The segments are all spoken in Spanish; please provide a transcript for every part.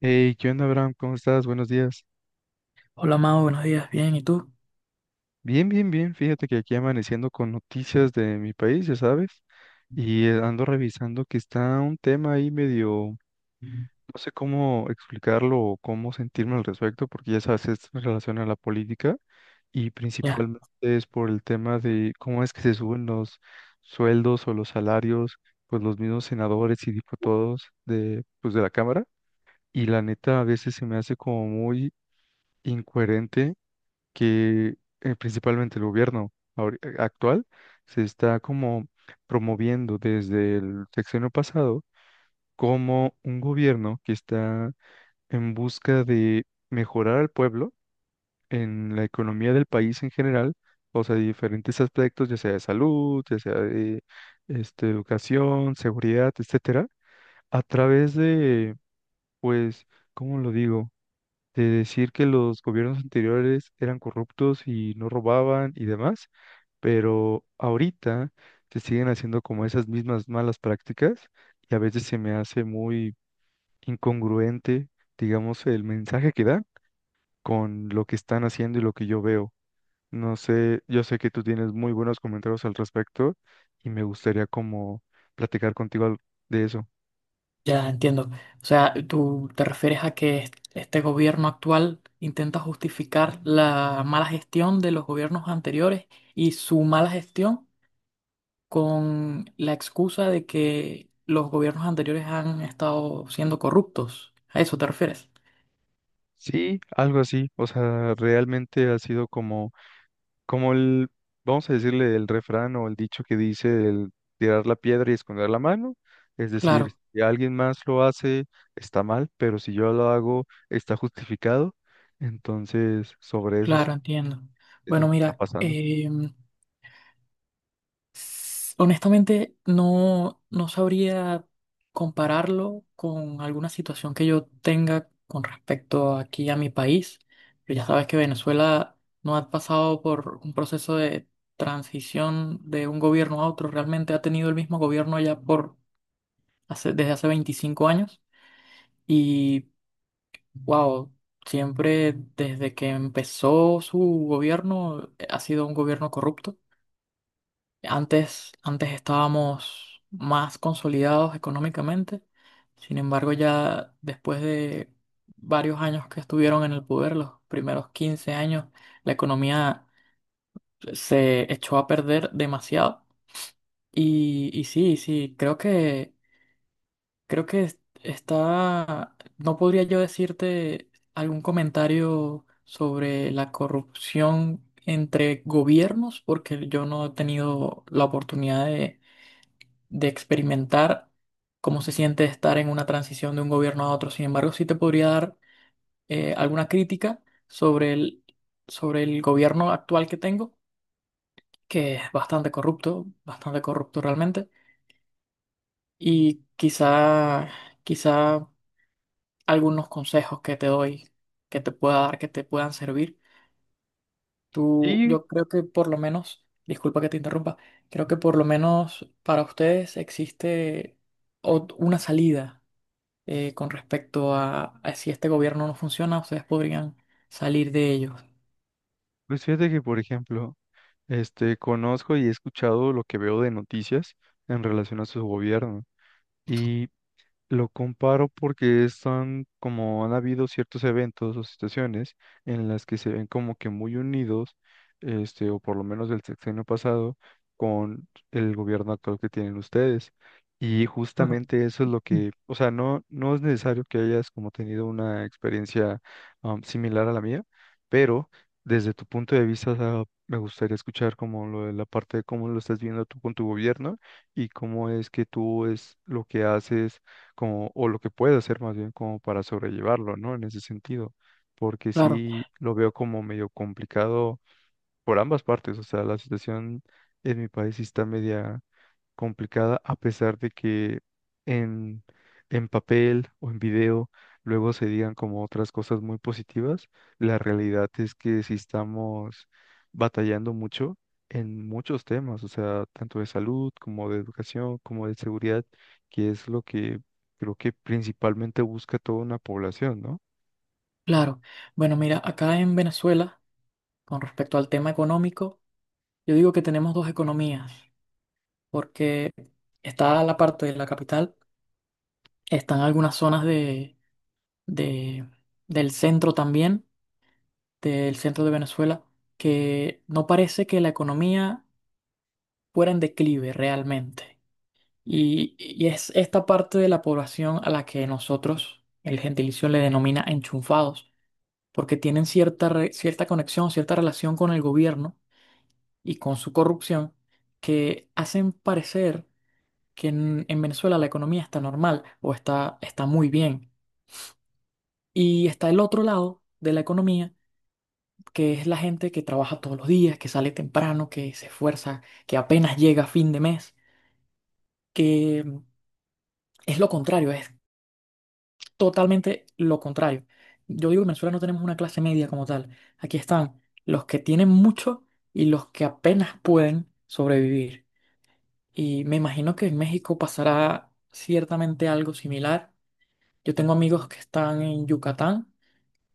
Hey, ¿qué onda, Abraham? ¿Cómo estás? Buenos días. Hola Mao, buenos días, bien, ¿y tú? Bien, bien, bien. Fíjate que aquí amaneciendo con noticias de mi país, ya sabes, y ando revisando que está un tema ahí medio, no sé cómo explicarlo o cómo sentirme al respecto, porque ya sabes, es en relación a la política y Ya, principalmente es por el tema de cómo es que se suben los sueldos o los salarios, pues los mismos senadores y diputados de, pues, de la Cámara. Y la neta a veces se me hace como muy incoherente que principalmente el gobierno actual se está como promoviendo desde el sexenio pasado como un gobierno que está en busca de mejorar al pueblo en la economía del país en general, o sea, de diferentes aspectos, ya sea de salud, ya sea de este, educación, seguridad, etcétera, a través de, pues, ¿cómo lo digo? De decir que los gobiernos anteriores eran corruptos y no robaban y demás, pero ahorita se siguen haciendo como esas mismas malas prácticas y a veces se me hace muy incongruente, digamos, el mensaje que dan con lo que están haciendo y lo que yo veo. No sé, yo sé que tú tienes muy buenos comentarios al respecto y me gustaría como platicar contigo de eso. ya, entiendo. O sea, tú te refieres a que este gobierno actual intenta justificar la mala gestión de los gobiernos anteriores y su mala gestión con la excusa de que los gobiernos anteriores han estado siendo corruptos. ¿A eso te refieres? Sí, algo así. O sea, realmente ha sido como como el, vamos a decirle el refrán o el dicho que dice el tirar la piedra y esconder la mano, es Claro, decir, si alguien más lo hace, está mal, pero si yo lo hago, está justificado. Entonces, sobre eso sí claro, entiendo. es lo Bueno, que está mira, pasando. Honestamente, no sabría compararlo con alguna situación que yo tenga con respecto aquí a mi país. Pero ya sabes que Venezuela no ha pasado por un proceso de transición de un gobierno a otro. Realmente ha tenido el mismo gobierno ya por desde hace 25 años. Y wow, siempre desde que empezó su gobierno ha sido un gobierno corrupto. Antes, antes estábamos más consolidados económicamente, sin embargo ya después de varios años que estuvieron en el poder, los primeros 15 años, la economía se echó a perder demasiado. Y sí, sí, creo que está, no podría yo decirte algún comentario sobre la corrupción entre gobiernos, porque yo no he tenido la oportunidad de experimentar cómo se siente estar en una transición de un gobierno a otro. Sin embargo, sí te podría dar alguna crítica sobre sobre el gobierno actual que tengo, que es bastante corrupto realmente, y quizá algunos consejos que te doy, que te pueda dar, que te puedan servir. Tú, Y yo creo que por lo menos, disculpa que te interrumpa, creo que por lo menos para ustedes existe una salida con respecto a si este gobierno no funciona, ustedes podrían salir de ellos. pues fíjate que, por ejemplo, este, conozco y he escuchado lo que veo de noticias en relación a su gobierno. Y lo comparo porque están como han habido ciertos eventos o situaciones en las que se ven como que muy unidos, este, o por lo menos del sexenio pasado, con el gobierno actual que tienen ustedes. Y Claro. justamente eso es lo que, o sea, no es necesario que hayas como tenido una experiencia similar a la mía, pero desde tu punto de vista, o sea, me gustaría escuchar como lo de la parte de cómo lo estás viendo tú con tu gobierno y cómo es que tú es lo que haces como, o lo que puede hacer más bien como para sobrellevarlo, ¿no? En ese sentido, porque Claro, sí lo veo como medio complicado por ambas partes, o sea, la situación en mi país sí está media complicada a pesar de que en, en papel o en video luego se digan como otras cosas muy positivas, la realidad es que sí estamos batallando mucho en muchos temas, o sea, tanto de salud como de educación, como de seguridad, que es lo que creo que principalmente busca toda una población, ¿no? claro. Bueno, mira, acá en Venezuela, con respecto al tema económico, yo digo que tenemos dos economías, porque está la parte de la capital, están algunas zonas de- del centro también, del centro de Venezuela, que no parece que la economía fuera en declive realmente. Y es esta parte de la población a la que nosotros, el gentilicio, le denomina enchufados, porque tienen cierta conexión, cierta relación con el gobierno y con su corrupción, que hacen parecer que en Venezuela la economía está normal o está muy bien. Y está el otro lado de la economía, que es la gente que trabaja todos los días, que sale temprano, que se esfuerza, que apenas llega a fin de mes, que es lo contrario, totalmente lo contrario. Yo digo que en Venezuela no tenemos una clase media como tal. Aquí están los que tienen mucho y los que apenas pueden sobrevivir. Y me imagino que en México pasará ciertamente algo similar. Yo tengo amigos que están en Yucatán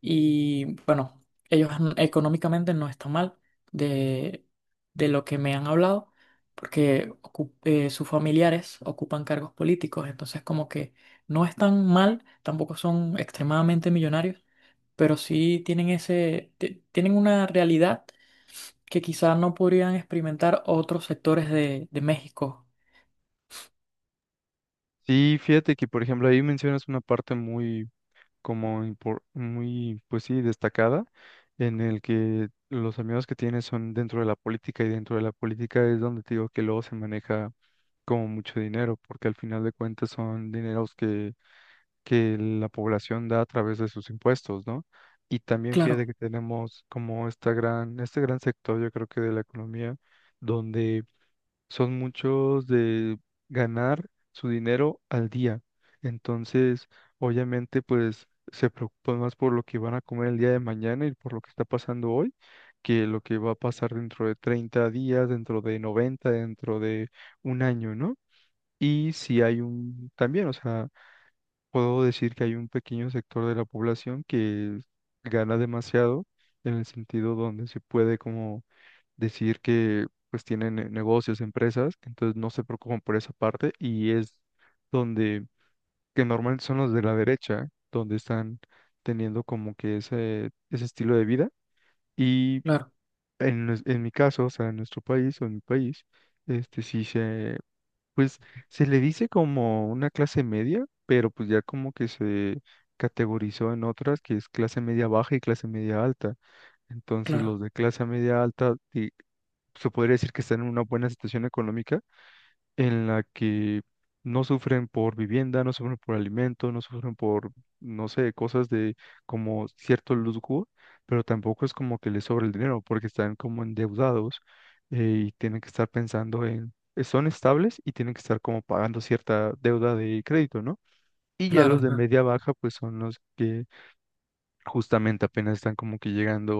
y bueno, económicamente no están mal de, de lo que me han hablado, porque sus familiares ocupan cargos políticos, entonces como que no están mal, tampoco son extremadamente millonarios, pero sí tienen tienen una realidad que quizás no podrían experimentar otros sectores de México. Sí, fíjate que, por ejemplo, ahí mencionas una parte muy como muy, pues sí, destacada, en el que los amigos que tienes son dentro de la política y dentro de la política es donde te digo que luego se maneja como mucho dinero, porque al final de cuentas son dineros que la población da a través de sus impuestos, ¿no? Y también Claro, fíjate que tenemos como esta gran, este gran sector, yo creo que de la economía, donde son muchos de ganar su dinero al día. Entonces, obviamente, pues se preocupan más por lo que van a comer el día de mañana y por lo que está pasando hoy, que lo que va a pasar dentro de 30 días, dentro de 90, dentro de un año, ¿no? Y si hay un, también, o sea, puedo decir que hay un pequeño sector de la población que gana demasiado en el sentido donde se puede como decir que pues tienen negocios, empresas, entonces no se preocupan por esa parte y es donde, que normalmente son los de la derecha, donde están teniendo como que ese estilo de vida y claro, en mi caso, o sea, en nuestro país o en mi país, este sí se, pues se le dice como una clase media, pero pues ya como que se categorizó en otras que es clase media baja y clase media alta. Entonces claro, los de clase media alta, se podría decir que están en una buena situación económica en la que no sufren por vivienda, no sufren por alimento, no sufren por, no sé, cosas de como cierto lujo, pero tampoco es como que les sobra el dinero porque están como endeudados y tienen que estar pensando son estables y tienen que estar como pagando cierta deuda de crédito, ¿no? Y ya claro, los de claro, media baja, pues son los que justamente apenas están como que llegando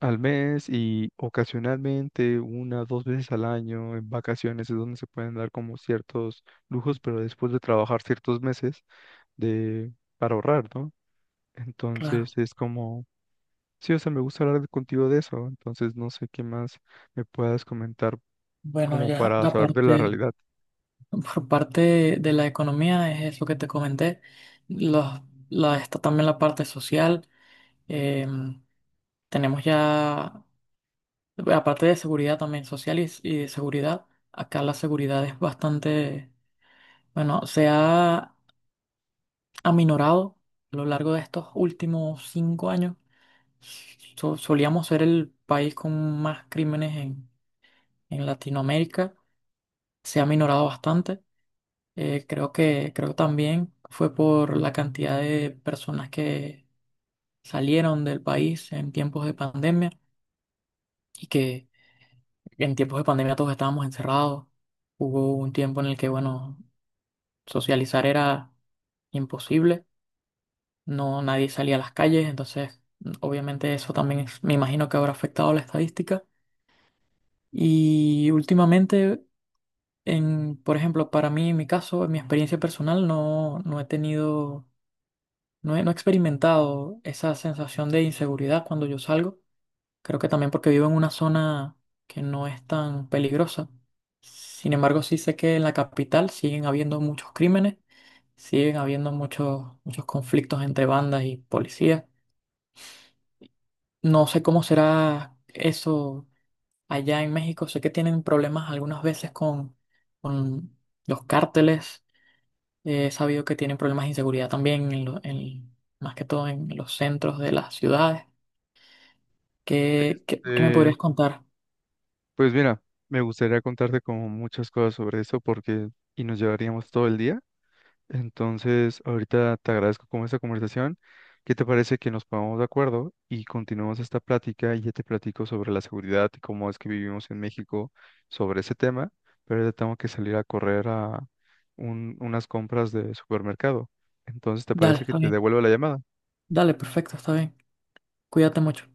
al mes y ocasionalmente una, dos veces al año, en vacaciones es donde se pueden dar como ciertos lujos, pero después de trabajar ciertos meses de, para ahorrar, ¿no? claro. Entonces es como, sí, o sea, me gusta hablar contigo de eso, entonces no sé qué más me puedas comentar Bueno, como ya para la saber de la parte. realidad. Por parte de, la economía, es lo que te comenté. Los, está también la parte social. eh, Tenemos ya, aparte de seguridad también social y de seguridad, acá la seguridad es bastante, bueno, se ha aminorado a lo largo de estos últimos 5 años. Solíamos ser el país con más crímenes en Latinoamérica. Se ha aminorado bastante. Creo que también fue por la cantidad de personas que salieron del país en tiempos de pandemia y que en tiempos de pandemia todos estábamos encerrados. Hubo un tiempo en el que, bueno, socializar era imposible, no nadie salía a las calles, entonces obviamente eso también me imagino que habrá afectado la estadística. Y últimamente, por ejemplo, para mí, en mi caso, en mi experiencia personal, no no he experimentado esa sensación de inseguridad cuando yo salgo. Creo que también porque vivo en una zona que no es tan peligrosa. Sin embargo, sí sé que en la capital siguen habiendo muchos crímenes, siguen habiendo muchos, muchos conflictos entre bandas y policías. No sé cómo será eso allá en México. Sé que tienen problemas algunas veces con los cárteles. He sabido que tienen problemas de inseguridad también, más que todo en los centros de las ciudades. ¿ Qué me Eh, podrías contar? pues mira, me gustaría contarte como muchas cosas sobre eso porque y nos llevaríamos todo el día. Entonces, ahorita te agradezco como esta conversación. ¿Qué te parece que nos pongamos de acuerdo y continuemos esta plática? Y ya te platico sobre la seguridad y cómo es que vivimos en México sobre ese tema, pero ahorita tengo que salir a correr a unas compras de supermercado. Entonces, ¿te Dale, parece que está te bien. devuelvo la llamada? Dale, perfecto, está bien. Cuídate mucho.